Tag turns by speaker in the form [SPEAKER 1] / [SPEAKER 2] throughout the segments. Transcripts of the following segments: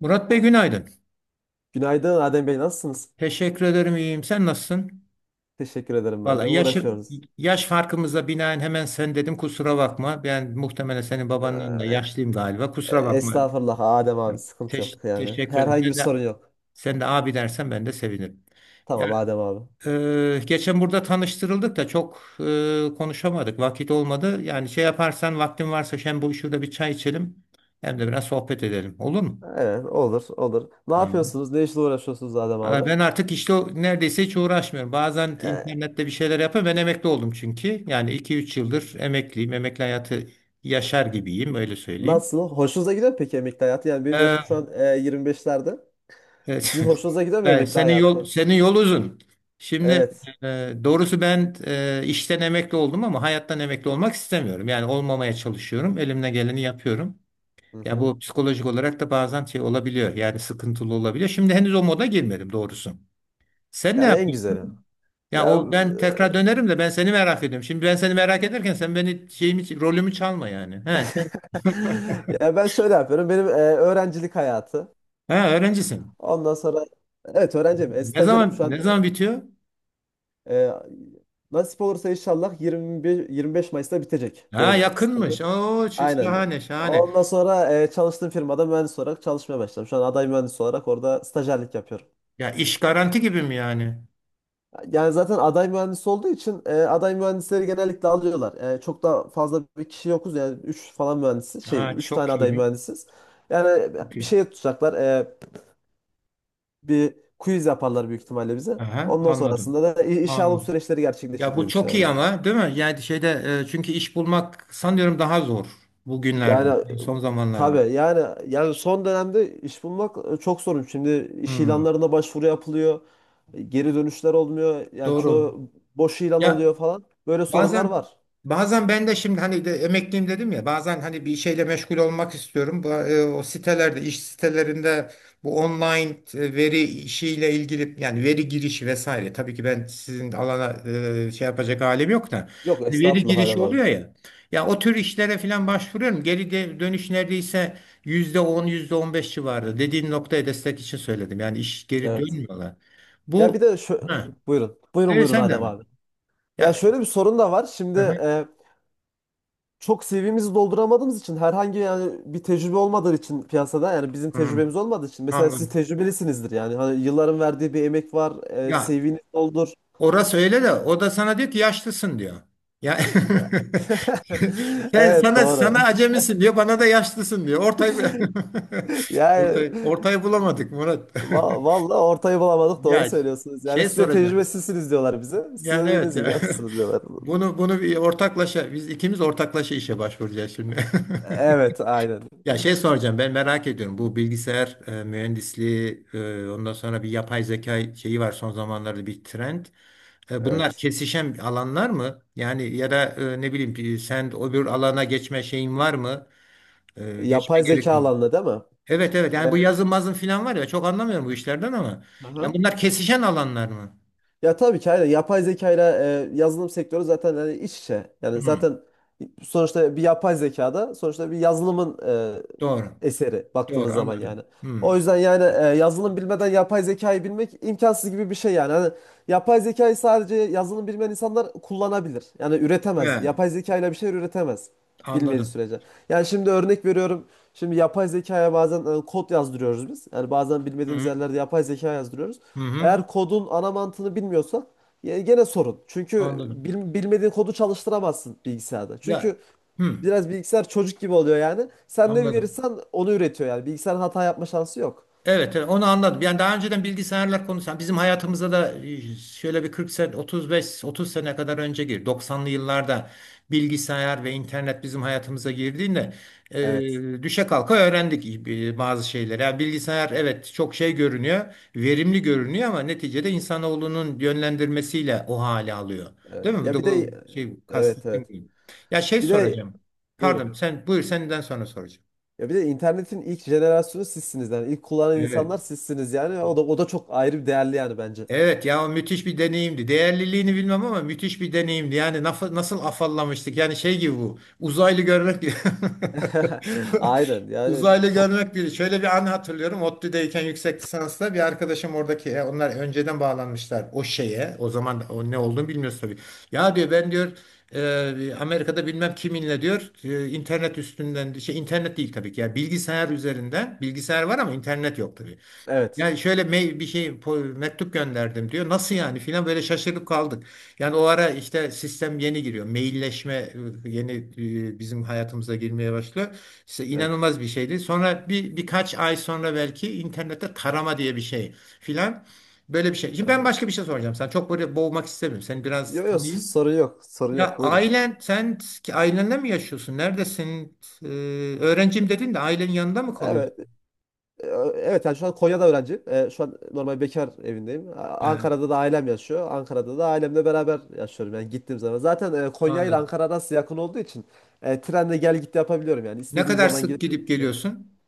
[SPEAKER 1] Murat Bey günaydın.
[SPEAKER 2] Günaydın Adem Bey nasılsınız?
[SPEAKER 1] Teşekkür ederim iyiyim. Sen nasılsın?
[SPEAKER 2] Teşekkür ederim ben
[SPEAKER 1] Valla
[SPEAKER 2] de.
[SPEAKER 1] yaş,
[SPEAKER 2] Uğraşıyoruz.
[SPEAKER 1] yaş farkımıza binaen hemen sen dedim kusura bakma. Ben muhtemelen senin babandan da
[SPEAKER 2] Ee,
[SPEAKER 1] yaşlıyım galiba. Kusura bakma.
[SPEAKER 2] estağfurullah Adem abi
[SPEAKER 1] Yok,
[SPEAKER 2] sıkıntı
[SPEAKER 1] Teş,
[SPEAKER 2] yok yani.
[SPEAKER 1] teşekkür ederim.
[SPEAKER 2] Herhangi bir
[SPEAKER 1] Sen
[SPEAKER 2] sorun
[SPEAKER 1] de,
[SPEAKER 2] yok.
[SPEAKER 1] sen de abi dersen ben de sevinirim. Ya,
[SPEAKER 2] Tamam Adem abi.
[SPEAKER 1] Geçen burada tanıştırıldık da çok konuşamadık. Vakit olmadı. Yani şey yaparsan vaktin varsa hem bu şurada bir çay içelim hem de biraz sohbet edelim. Olur mu?
[SPEAKER 2] Evet olur olur. Ne
[SPEAKER 1] Tamam.
[SPEAKER 2] yapıyorsunuz? Ne işle uğraşıyorsunuz Adem abi?
[SPEAKER 1] Valla ben artık işte neredeyse hiç uğraşmıyorum. Bazen
[SPEAKER 2] Ee,
[SPEAKER 1] internette bir şeyler yapıyorum. Ben emekli oldum çünkü. Yani iki üç yıldır emekliyim. Emekli hayatı yaşar gibiyim, öyle söyleyeyim.
[SPEAKER 2] nasıl? Hoşunuza gidiyor mu peki emekli hayatı? Yani benim
[SPEAKER 1] Ee,
[SPEAKER 2] yaşım şu an 25'lerde.
[SPEAKER 1] evet.
[SPEAKER 2] Sizin hoşunuza gidiyor mu
[SPEAKER 1] Evet,
[SPEAKER 2] emekli
[SPEAKER 1] senin yol
[SPEAKER 2] hayatı?
[SPEAKER 1] senin yol uzun. Şimdi
[SPEAKER 2] Evet.
[SPEAKER 1] doğrusu ben işten emekli oldum ama hayattan emekli olmak istemiyorum. Yani olmamaya çalışıyorum. Elimden geleni yapıyorum.
[SPEAKER 2] Hı
[SPEAKER 1] Ya
[SPEAKER 2] hı.
[SPEAKER 1] bu psikolojik olarak da bazen şey olabiliyor. Yani sıkıntılı olabiliyor. Şimdi henüz o moda girmedim doğrusu. Sen ne
[SPEAKER 2] Yani en güzeli.
[SPEAKER 1] yapıyorsun? Ya
[SPEAKER 2] Ya,
[SPEAKER 1] o ben tekrar dönerim de ben seni merak ediyorum. Şimdi ben seni merak ederken sen beni şeyimi rolümü çalma yani. He sen.
[SPEAKER 2] ya ben şöyle yapıyorum. Benim öğrencilik hayatı.
[SPEAKER 1] ha, Öğrencisin.
[SPEAKER 2] Ondan sonra evet öğrenciyim.
[SPEAKER 1] Ne
[SPEAKER 2] Stajyerim
[SPEAKER 1] zaman
[SPEAKER 2] şu
[SPEAKER 1] ne
[SPEAKER 2] an
[SPEAKER 1] zaman bitiyor?
[SPEAKER 2] e, nasip olursa inşallah 21 25 Mayıs'ta bitecek
[SPEAKER 1] Ha,
[SPEAKER 2] benim
[SPEAKER 1] yakınmış.
[SPEAKER 2] stajım.
[SPEAKER 1] Oo,
[SPEAKER 2] Aynen.
[SPEAKER 1] şahane şahane.
[SPEAKER 2] Ondan sonra çalıştığım firmada mühendis olarak çalışmaya başladım. Şu an aday mühendis olarak orada stajyerlik yapıyorum.
[SPEAKER 1] Ya iş garanti gibi mi yani?
[SPEAKER 2] Yani zaten aday mühendis olduğu için aday mühendisleri genellikle alıyorlar. Çok da fazla bir kişi yokuz yani 3 falan mühendisiz. Şey
[SPEAKER 1] Ha,
[SPEAKER 2] 3 tane
[SPEAKER 1] çok
[SPEAKER 2] aday
[SPEAKER 1] iyi.
[SPEAKER 2] mühendisiz. Yani
[SPEAKER 1] Çok
[SPEAKER 2] bir
[SPEAKER 1] iyi.
[SPEAKER 2] şey tutacaklar. Bir quiz yaparlar büyük ihtimalle bize.
[SPEAKER 1] Aha,
[SPEAKER 2] Ondan
[SPEAKER 1] anladım.
[SPEAKER 2] sonrasında da işe alım
[SPEAKER 1] Anladım.
[SPEAKER 2] süreçleri gerçekleşir
[SPEAKER 1] Ya
[SPEAKER 2] diye
[SPEAKER 1] bu çok
[SPEAKER 2] düşünüyorum
[SPEAKER 1] iyi
[SPEAKER 2] yani.
[SPEAKER 1] ama değil mi? Yani şeyde çünkü iş bulmak sanıyorum daha zor
[SPEAKER 2] Yani
[SPEAKER 1] bugünlerde, son zamanlarda.
[SPEAKER 2] tabii yani son dönemde iş bulmak çok sorun. Şimdi iş
[SPEAKER 1] Hmm,
[SPEAKER 2] ilanlarına başvuru yapılıyor. Geri dönüşler olmuyor. Yani
[SPEAKER 1] doğru.
[SPEAKER 2] çoğu boş ilan
[SPEAKER 1] Ya
[SPEAKER 2] oluyor falan. Böyle sorunlar
[SPEAKER 1] Bazen
[SPEAKER 2] var.
[SPEAKER 1] bazen ben de şimdi hani de emekliyim dedim ya, bazen hani bir şeyle meşgul olmak istiyorum. Bu, o sitelerde, iş sitelerinde bu online veri işiyle ilgili, yani veri girişi vesaire. Tabii ki ben sizin alana şey yapacak halim yok da
[SPEAKER 2] Yok
[SPEAKER 1] hani veri
[SPEAKER 2] estağfurullah Adem
[SPEAKER 1] girişi
[SPEAKER 2] abi.
[SPEAKER 1] oluyor ya. Ya o tür işlere falan başvuruyorum. Geri dönüş neredeyse %10 %15 civarı. Dediğin noktaya destek için söyledim. Yani iş, geri
[SPEAKER 2] Evet.
[SPEAKER 1] dönmüyorlar.
[SPEAKER 2] Ya
[SPEAKER 1] Bu
[SPEAKER 2] bir de şu
[SPEAKER 1] ha,
[SPEAKER 2] buyurun. Buyurun
[SPEAKER 1] evet,
[SPEAKER 2] buyurun
[SPEAKER 1] sen de
[SPEAKER 2] Adem
[SPEAKER 1] mi?
[SPEAKER 2] abi. Ya
[SPEAKER 1] Ya,
[SPEAKER 2] şöyle bir sorun da var. Şimdi
[SPEAKER 1] hı hı.
[SPEAKER 2] çok CV'mizi dolduramadığımız için herhangi yani bir tecrübe olmadığı için piyasada yani bizim
[SPEAKER 1] Hı.
[SPEAKER 2] tecrübemiz olmadığı için mesela siz
[SPEAKER 1] Anladım.
[SPEAKER 2] tecrübelisinizdir yani hani yılların verdiği bir emek var
[SPEAKER 1] Ya
[SPEAKER 2] CV'ni doldur.
[SPEAKER 1] orası öyle de, o da sana diyor ki yaşlısın diyor. Ya sen,
[SPEAKER 2] Evet
[SPEAKER 1] sana
[SPEAKER 2] doğru.
[SPEAKER 1] sana acemisin diyor, bana da yaşlısın diyor. Ortayı
[SPEAKER 2] Yani
[SPEAKER 1] ortayı bulamadık Murat.
[SPEAKER 2] vallahi ortayı bulamadık doğru
[SPEAKER 1] Ya
[SPEAKER 2] söylüyorsunuz. Yani
[SPEAKER 1] şey
[SPEAKER 2] size
[SPEAKER 1] soracağım.
[SPEAKER 2] tecrübesizsiniz diyorlar bize. Siz de
[SPEAKER 1] Yani evet
[SPEAKER 2] dediğiniz gibi
[SPEAKER 1] ya.
[SPEAKER 2] yapmışsınız diyorlar.
[SPEAKER 1] Bunu bir ortaklaşa, biz ikimiz ortaklaşa işe başvuracağız şimdi.
[SPEAKER 2] Evet aynen.
[SPEAKER 1] Ya şey soracağım, ben merak ediyorum bu bilgisayar mühendisliği ondan sonra bir yapay zeka şeyi var, son zamanlarda bir trend. Bunlar
[SPEAKER 2] Evet.
[SPEAKER 1] kesişen alanlar mı? Yani ya da ne bileyim, sen öbür alana geçme şeyin var mı? Geçme
[SPEAKER 2] Yapay zeka
[SPEAKER 1] gerekiyor mu?
[SPEAKER 2] alanında değil mi?
[SPEAKER 1] Evet evet, yani bu
[SPEAKER 2] Ee,
[SPEAKER 1] yazın mazın filan var ya, çok anlamıyorum bu işlerden ama. Yani
[SPEAKER 2] aha.
[SPEAKER 1] bunlar kesişen alanlar mı?
[SPEAKER 2] Ya tabii ki aynen. Yapay zekayla yazılım sektörü zaten hani iç içe. Yani
[SPEAKER 1] Hı,
[SPEAKER 2] zaten sonuçta bir yapay zekada sonuçta bir yazılımın
[SPEAKER 1] doğru.
[SPEAKER 2] eseri
[SPEAKER 1] Doğru,
[SPEAKER 2] baktığınız zaman yani.
[SPEAKER 1] anladım.
[SPEAKER 2] O
[SPEAKER 1] Hı.
[SPEAKER 2] yüzden yani yazılım bilmeden yapay zekayı bilmek imkansız gibi bir şey yani. Hani yapay zekayı sadece yazılım bilmeyen insanlar kullanabilir. Yani
[SPEAKER 1] He,
[SPEAKER 2] üretemez. Yapay zekayla bir şey üretemez bilmediği
[SPEAKER 1] anladım.
[SPEAKER 2] sürece. Yani şimdi örnek veriyorum. Şimdi yapay zekaya bazen kod yazdırıyoruz biz. Yani bazen
[SPEAKER 1] Hı,
[SPEAKER 2] bilmediğimiz
[SPEAKER 1] hı,
[SPEAKER 2] yerlerde yapay zeka yazdırıyoruz.
[SPEAKER 1] hı, hı,
[SPEAKER 2] Eğer kodun ana mantığını bilmiyorsan gene sorun. Çünkü
[SPEAKER 1] anladım.
[SPEAKER 2] bilmediğin kodu çalıştıramazsın bilgisayarda.
[SPEAKER 1] Ya
[SPEAKER 2] Çünkü
[SPEAKER 1] hı,
[SPEAKER 2] biraz bilgisayar çocuk gibi oluyor yani. Sen ne
[SPEAKER 1] anladım.
[SPEAKER 2] verirsen onu üretiyor yani. Bilgisayarın hata yapma şansı yok.
[SPEAKER 1] Evet, evet, onu anladım. Yani daha önceden bilgisayarlar konusu. Yani bizim hayatımıza da şöyle bir 40 sene, 35, 30 sene kadar önce girdi. 90'lı yıllarda bilgisayar ve internet bizim hayatımıza girdiğinde
[SPEAKER 2] Evet.
[SPEAKER 1] düşe kalka öğrendik bazı şeyleri. Yani bilgisayar evet çok şey görünüyor, verimli görünüyor ama neticede insanoğlunun yönlendirmesiyle o hale alıyor.
[SPEAKER 2] Evet.
[SPEAKER 1] Değil mi? Bu
[SPEAKER 2] Ya
[SPEAKER 1] da
[SPEAKER 2] bir de
[SPEAKER 1] bu şey
[SPEAKER 2] evet evet.
[SPEAKER 1] kastettiğim gibi. Ya şey
[SPEAKER 2] Bir de
[SPEAKER 1] soracağım.
[SPEAKER 2] buyurun.
[SPEAKER 1] Pardon, sen buyur, senden sonra soracağım.
[SPEAKER 2] Ya bir de internetin ilk jenerasyonu sizsiniz yani. İlk kullanan
[SPEAKER 1] Evet.
[SPEAKER 2] insanlar sizsiniz yani. O da o da çok ayrı bir değerli yani bence.
[SPEAKER 1] Evet ya, o müthiş bir deneyimdi. Değerliliğini bilmem ama müthiş bir deneyimdi. Yani nasıl afallamıştık? Yani şey gibi bu. Uzaylı görmek gibi.
[SPEAKER 2] Aynen yani
[SPEAKER 1] Uzaylı
[SPEAKER 2] çok
[SPEAKER 1] görmek biri. Şöyle bir an hatırlıyorum. ODTÜ'deyken yüksek lisansta bir arkadaşım oradaki onlar önceden bağlanmışlar o şeye. O zaman o ne olduğunu bilmiyoruz tabii. Ya diyor, ben diyor Amerika'da bilmem kiminle diyor internet üstünden, şey internet değil tabii ki. Yani bilgisayar üzerinden, bilgisayar var ama internet yok,
[SPEAKER 2] evet.
[SPEAKER 1] yani şöyle bir şey, mektup gönderdim diyor. Nasıl yani filan, böyle şaşırıp kaldık. Yani o ara işte sistem yeni giriyor. Mailleşme yeni bizim hayatımıza girmeye başlıyor. İşte
[SPEAKER 2] Evet.
[SPEAKER 1] inanılmaz bir şeydi. Sonra birkaç ay sonra belki internette tarama diye bir şey filan, böyle bir şey. Şimdi ben başka bir şey soracağım. Sen çok böyle, boğmak istemiyorum. Seni biraz
[SPEAKER 2] Yok yok
[SPEAKER 1] tanıyayım.
[SPEAKER 2] sorun yok. Sorun
[SPEAKER 1] Ya
[SPEAKER 2] yok. Buyurun.
[SPEAKER 1] ailen, sen ki ailenle mi yaşıyorsun? Neredesin? Ee, Öğrencim dedin de, ailenin yanında mı kalıyorsun?
[SPEAKER 2] Evet. E, Evet yani şu an Konya'da öğrenciyim. Şu an normal bekar evindeyim.
[SPEAKER 1] He,
[SPEAKER 2] Ankara'da da ailem yaşıyor. Ankara'da da ailemle beraber yaşıyorum yani gittiğim zaman. Zaten Konya ile
[SPEAKER 1] anladım.
[SPEAKER 2] Ankara arası yakın olduğu için trenle gel git yapabiliyorum yani.
[SPEAKER 1] Ne
[SPEAKER 2] İstediğim
[SPEAKER 1] kadar
[SPEAKER 2] zaman
[SPEAKER 1] sık
[SPEAKER 2] gidip
[SPEAKER 1] gidip
[SPEAKER 2] gelebiliyorum.
[SPEAKER 1] geliyorsun?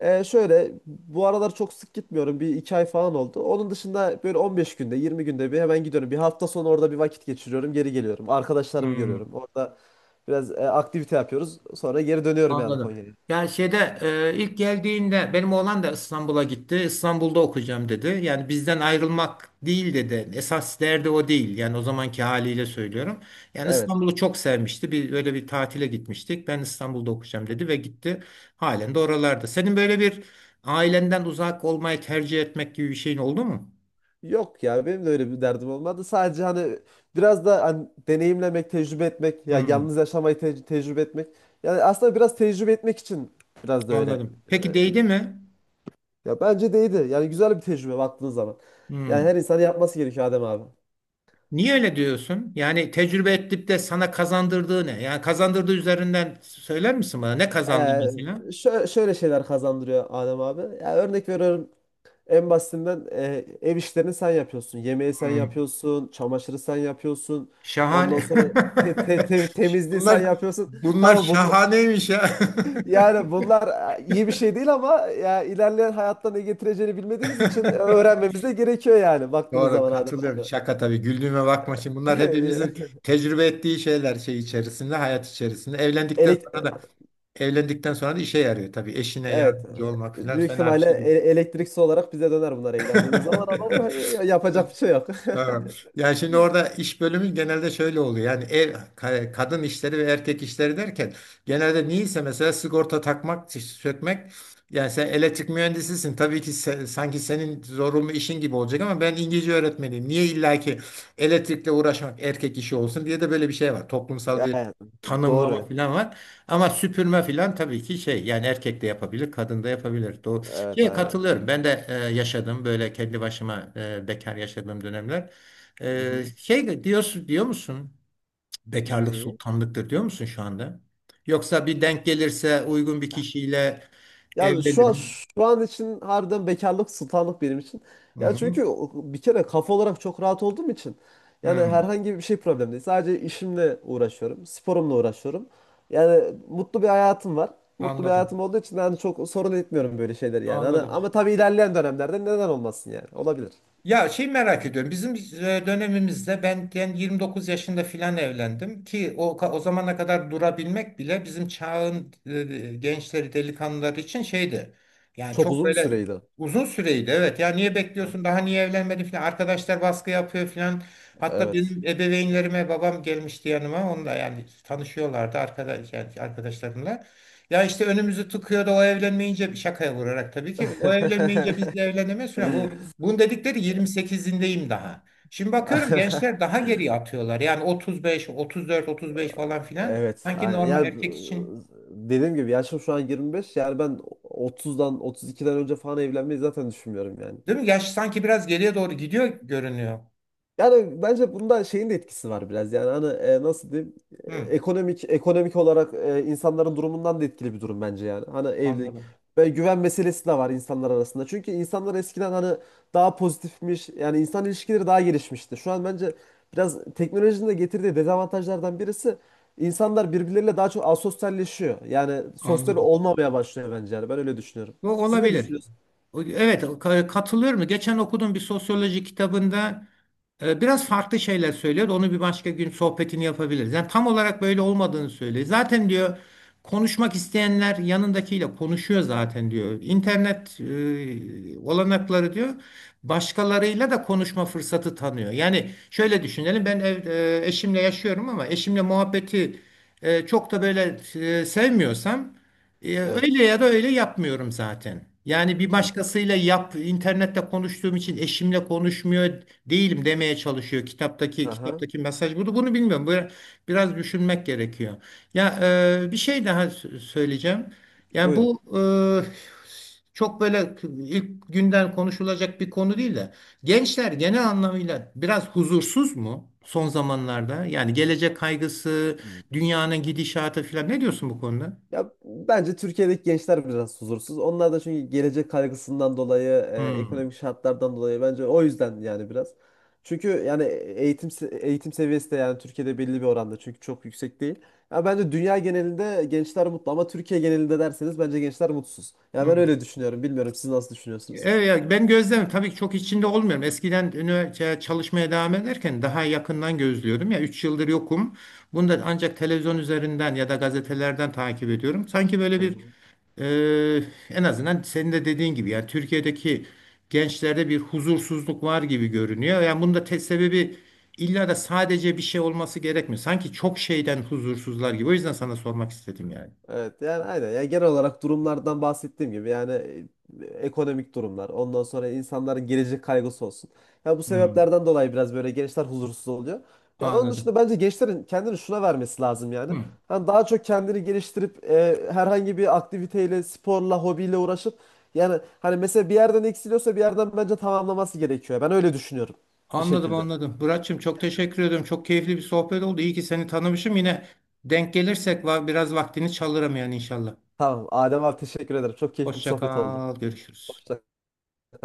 [SPEAKER 2] Şöyle bu aralar çok sık gitmiyorum. Bir iki ay falan oldu. Onun dışında böyle 15 günde 20 günde bir hemen gidiyorum. Bir hafta sonu orada bir vakit geçiriyorum. Geri geliyorum. Arkadaşlarımı
[SPEAKER 1] Hmm,
[SPEAKER 2] görüyorum. Orada biraz aktivite yapıyoruz. Sonra geri dönüyorum yani
[SPEAKER 1] anladım.
[SPEAKER 2] Konya'ya.
[SPEAKER 1] Yani şeyde ilk geldiğinde benim oğlan da İstanbul'a gitti. İstanbul'da okuyacağım dedi. Yani bizden ayrılmak değil dedi. Esas derdi o değil. Yani o zamanki haliyle söylüyorum. Yani
[SPEAKER 2] Evet.
[SPEAKER 1] İstanbul'u çok sevmişti. Bir öyle bir tatile gitmiştik. Ben İstanbul'da okuyacağım dedi ve gitti. Halen de oralarda. Senin böyle bir ailenden uzak olmayı tercih etmek gibi bir şeyin oldu mu?
[SPEAKER 2] Yok ya benim de öyle bir derdim olmadı. Sadece hani biraz da hani deneyimlemek, tecrübe etmek, ya
[SPEAKER 1] Hmm,
[SPEAKER 2] yalnız yaşamayı tecrübe etmek. Yani aslında biraz tecrübe etmek için biraz da öyle.
[SPEAKER 1] anladım. Peki
[SPEAKER 2] e,
[SPEAKER 1] değdi mi?
[SPEAKER 2] Ya bence de, yani güzel bir tecrübe baktığın zaman.
[SPEAKER 1] Hmm.
[SPEAKER 2] Yani her insanın yapması gerekiyor Adem abi.
[SPEAKER 1] Niye öyle diyorsun? Yani tecrübe edip de sana kazandırdığı ne? Yani kazandırdığı üzerinden söyler misin bana? Ne
[SPEAKER 2] Ee,
[SPEAKER 1] kazandı mesela?
[SPEAKER 2] şöyle şeyler kazandırıyor Adem abi. Ya örnek veriyorum en basitinden ev işlerini sen yapıyorsun. Yemeği sen
[SPEAKER 1] Hmm.
[SPEAKER 2] yapıyorsun, çamaşırı sen yapıyorsun. Ondan
[SPEAKER 1] Şahane.
[SPEAKER 2] sonra temizliği sen
[SPEAKER 1] Bunlar
[SPEAKER 2] yapıyorsun.
[SPEAKER 1] bunlar
[SPEAKER 2] Tamam bunu,
[SPEAKER 1] şahaneymiş ya.
[SPEAKER 2] yani bunlar iyi bir şey değil ama ya ilerleyen hayatta ne getireceğini bilmediğimiz için öğrenmemiz de gerekiyor yani baktığınız
[SPEAKER 1] Doğru,
[SPEAKER 2] zaman Adem
[SPEAKER 1] katılıyorum.
[SPEAKER 2] abi.
[SPEAKER 1] Şaka tabii. Güldüğüme bakma şimdi. Bunlar hepimizin tecrübe ettiği şeyler, şey içerisinde, hayat içerisinde. Evlendikten
[SPEAKER 2] Elek e,
[SPEAKER 1] sonra da evlendikten sonra da işe yarıyor tabii. Eşine
[SPEAKER 2] evet,
[SPEAKER 1] yardımcı olmak falan
[SPEAKER 2] büyük
[SPEAKER 1] fena bir
[SPEAKER 2] ihtimalle
[SPEAKER 1] şey değil.
[SPEAKER 2] elektriksi olarak bize döner bunlar evlendiğimiz zaman ama yapacak bir şey yok.
[SPEAKER 1] Tamam. Yani şimdi orada iş bölümü genelde şöyle oluyor. Yani ev, kadın işleri ve erkek işleri derken genelde niyeyse, mesela sigorta takmak, sökmek. Yani sen elektrik mühendisisin. Tabii ki sanki senin zorunlu işin gibi olacak ama ben İngilizce öğretmeniyim. Niye illaki elektrikle uğraşmak erkek işi olsun diye de böyle bir şey var. Toplumsal bir
[SPEAKER 2] Yani
[SPEAKER 1] tanımlama
[SPEAKER 2] doğru.
[SPEAKER 1] falan var. Ama süpürme falan tabii ki şey yani, erkek de yapabilir, kadın da yapabilir.
[SPEAKER 2] Evet
[SPEAKER 1] Şeye
[SPEAKER 2] aynen.
[SPEAKER 1] katılıyorum. Ben de yaşadım böyle kendi başıma bekar yaşadığım dönemler.
[SPEAKER 2] Hı-hı.
[SPEAKER 1] Şey diyorsun, diyor musun? Cık, bekarlık
[SPEAKER 2] Neyi?
[SPEAKER 1] sultanlıktır diyor musun şu anda? Yoksa bir denk gelirse uygun bir kişiyle
[SPEAKER 2] Yani şu an,
[SPEAKER 1] evlenirim.
[SPEAKER 2] şu an için harbiden bekarlık sultanlık benim için.
[SPEAKER 1] Hı
[SPEAKER 2] Ya
[SPEAKER 1] hı.
[SPEAKER 2] çünkü bir kere kafa olarak çok rahat olduğum için yani
[SPEAKER 1] Hı.
[SPEAKER 2] herhangi bir şey problem değil. Sadece işimle uğraşıyorum, sporumla uğraşıyorum. Yani mutlu bir hayatım var. Mutlu bir
[SPEAKER 1] Anladım.
[SPEAKER 2] hayatım olduğu için yani çok sorun etmiyorum böyle şeyleri yani. Hani,
[SPEAKER 1] Anladım.
[SPEAKER 2] ama tabii ilerleyen dönemlerde neden olmasın yani? Olabilir.
[SPEAKER 1] Ya şey merak ediyorum. Bizim dönemimizde ben, yani 29 yaşında filan evlendim ki o zamana kadar durabilmek bile bizim çağın gençleri, delikanlıları için şeydi. Yani
[SPEAKER 2] Çok
[SPEAKER 1] çok
[SPEAKER 2] uzun bir
[SPEAKER 1] böyle
[SPEAKER 2] süreydi.
[SPEAKER 1] uzun süreydi. Evet ya, niye bekliyorsun? Daha niye evlenmedin filan. Arkadaşlar baskı yapıyor filan. Hatta
[SPEAKER 2] Evet.
[SPEAKER 1] benim ebeveynlerime babam gelmişti yanıma. Onunla yani tanışıyorlardı arkadaş, yani arkadaşlarımla. Ya işte önümüzü tıkıyordu o evlenmeyince, şakaya vurarak tabii ki. O evlenmeyince biz de evlenemeyiz falan. Bunun dedikleri, 28'indeyim daha. Şimdi bakıyorum gençler daha geriye atıyorlar. Yani 35, 34, 35 falan filan.
[SPEAKER 2] Evet.
[SPEAKER 1] Sanki
[SPEAKER 2] Yani,
[SPEAKER 1] normal
[SPEAKER 2] ya
[SPEAKER 1] erkek için.
[SPEAKER 2] dediğim gibi yaşım şu an 25. Yani ben 30'dan 32'den önce falan evlenmeyi zaten düşünmüyorum yani.
[SPEAKER 1] Değil mi? Yaş sanki biraz geriye doğru gidiyor görünüyor.
[SPEAKER 2] Yani bence bunda şeyin de etkisi var biraz. Yani hani nasıl diyeyim? E,
[SPEAKER 1] Hı,
[SPEAKER 2] Ekonomik ekonomik olarak insanların durumundan da etkili bir durum bence yani. Hani evlilik
[SPEAKER 1] anladım.
[SPEAKER 2] ve güven meselesi de var insanlar arasında. Çünkü insanlar eskiden hani daha pozitifmiş. Yani insan ilişkileri daha gelişmişti. Şu an bence biraz teknolojinin de getirdiği dezavantajlardan birisi insanlar birbirleriyle daha çok asosyalleşiyor. Yani sosyal
[SPEAKER 1] Anladım.
[SPEAKER 2] olmamaya başlıyor bence yani. Ben öyle düşünüyorum.
[SPEAKER 1] O
[SPEAKER 2] Siz ne
[SPEAKER 1] olabilir.
[SPEAKER 2] düşünüyorsunuz?
[SPEAKER 1] Evet, ka- katılıyorum. Geçen okuduğum bir sosyoloji kitabında biraz farklı şeyler söylüyor. Onu bir başka gün sohbetini yapabiliriz. Yani tam olarak böyle olmadığını söylüyor. Zaten diyor, konuşmak isteyenler yanındakiyle konuşuyor zaten diyor. İnternet olanakları diyor, başkalarıyla da konuşma fırsatı tanıyor. Yani şöyle düşünelim, ben eşimle yaşıyorum ama eşimle muhabbeti çok da böyle sevmiyorsam
[SPEAKER 2] Evet.
[SPEAKER 1] öyle ya da öyle yapmıyorum zaten. Yani bir
[SPEAKER 2] Anladım.
[SPEAKER 1] başkasıyla yap, internette konuştuğum için eşimle konuşmuyor değilim demeye çalışıyor. Kitaptaki
[SPEAKER 2] Aha.
[SPEAKER 1] kitaptaki mesaj bunu bilmiyorum. Böyle biraz düşünmek gerekiyor. Ya bir şey daha söyleyeceğim. Yani
[SPEAKER 2] Buyurun.
[SPEAKER 1] bu çok böyle ilk günden konuşulacak bir konu değil de, gençler genel anlamıyla biraz huzursuz mu son zamanlarda? Yani gelecek kaygısı, dünyanın gidişatı falan, ne diyorsun bu konuda?
[SPEAKER 2] Ya bence Türkiye'deki gençler biraz huzursuz. Onlar da çünkü gelecek kaygısından dolayı,
[SPEAKER 1] Hmm.
[SPEAKER 2] ekonomik şartlardan dolayı bence o yüzden yani biraz. Çünkü yani eğitim eğitim seviyesi de yani Türkiye'de belli bir oranda çünkü çok yüksek değil. Ya bence dünya genelinde gençler mutlu ama Türkiye genelinde derseniz bence gençler mutsuz. Ya
[SPEAKER 1] Hı.
[SPEAKER 2] ben öyle düşünüyorum. Bilmiyorum siz nasıl düşünüyorsunuz?
[SPEAKER 1] Evet, ya ben gözlem tabii ki çok içinde olmuyorum. Eskiden üniversite çalışmaya devam ederken daha yakından gözlüyordum. Ya 3 yıldır yokum. Bunu da ancak televizyon üzerinden ya da gazetelerden takip ediyorum. Sanki böyle
[SPEAKER 2] Hı
[SPEAKER 1] bir
[SPEAKER 2] hı.
[SPEAKER 1] en azından senin de dediğin gibi yani Türkiye'deki gençlerde bir huzursuzluk var gibi görünüyor. Yani bunun da tek sebebi illa da sadece bir şey olması gerekmiyor. Sanki çok şeyden huzursuzlar gibi. O yüzden sana sormak istedim yani.
[SPEAKER 2] Evet yani aynen. Yani genel olarak durumlardan bahsettiğim gibi yani ekonomik durumlar, ondan sonra insanların gelecek kaygısı olsun. Ya bu
[SPEAKER 1] Hmm,
[SPEAKER 2] sebeplerden dolayı biraz böyle gençler huzursuz oluyor. Ya onun
[SPEAKER 1] anladım.
[SPEAKER 2] dışında bence gençlerin kendini şuna vermesi lazım yani.
[SPEAKER 1] Hı.
[SPEAKER 2] Hani daha çok kendini geliştirip herhangi bir aktiviteyle, sporla, hobiyle uğraşıp yani hani mesela bir yerden eksiliyorsa bir yerden bence tamamlaması gerekiyor. Ben öyle düşünüyorum bir
[SPEAKER 1] Anladım,
[SPEAKER 2] şekilde.
[SPEAKER 1] anladım. Muratçım çok teşekkür ediyorum. Çok keyifli bir sohbet oldu. İyi ki seni tanımışım. Yine denk gelirsek var, biraz vaktini çalırım yani inşallah.
[SPEAKER 2] Tamam Adem abi teşekkür ederim. Çok keyifli bir
[SPEAKER 1] Hoşça
[SPEAKER 2] sohbet oldu.
[SPEAKER 1] kal. Görüşürüz.
[SPEAKER 2] Hoşça kal.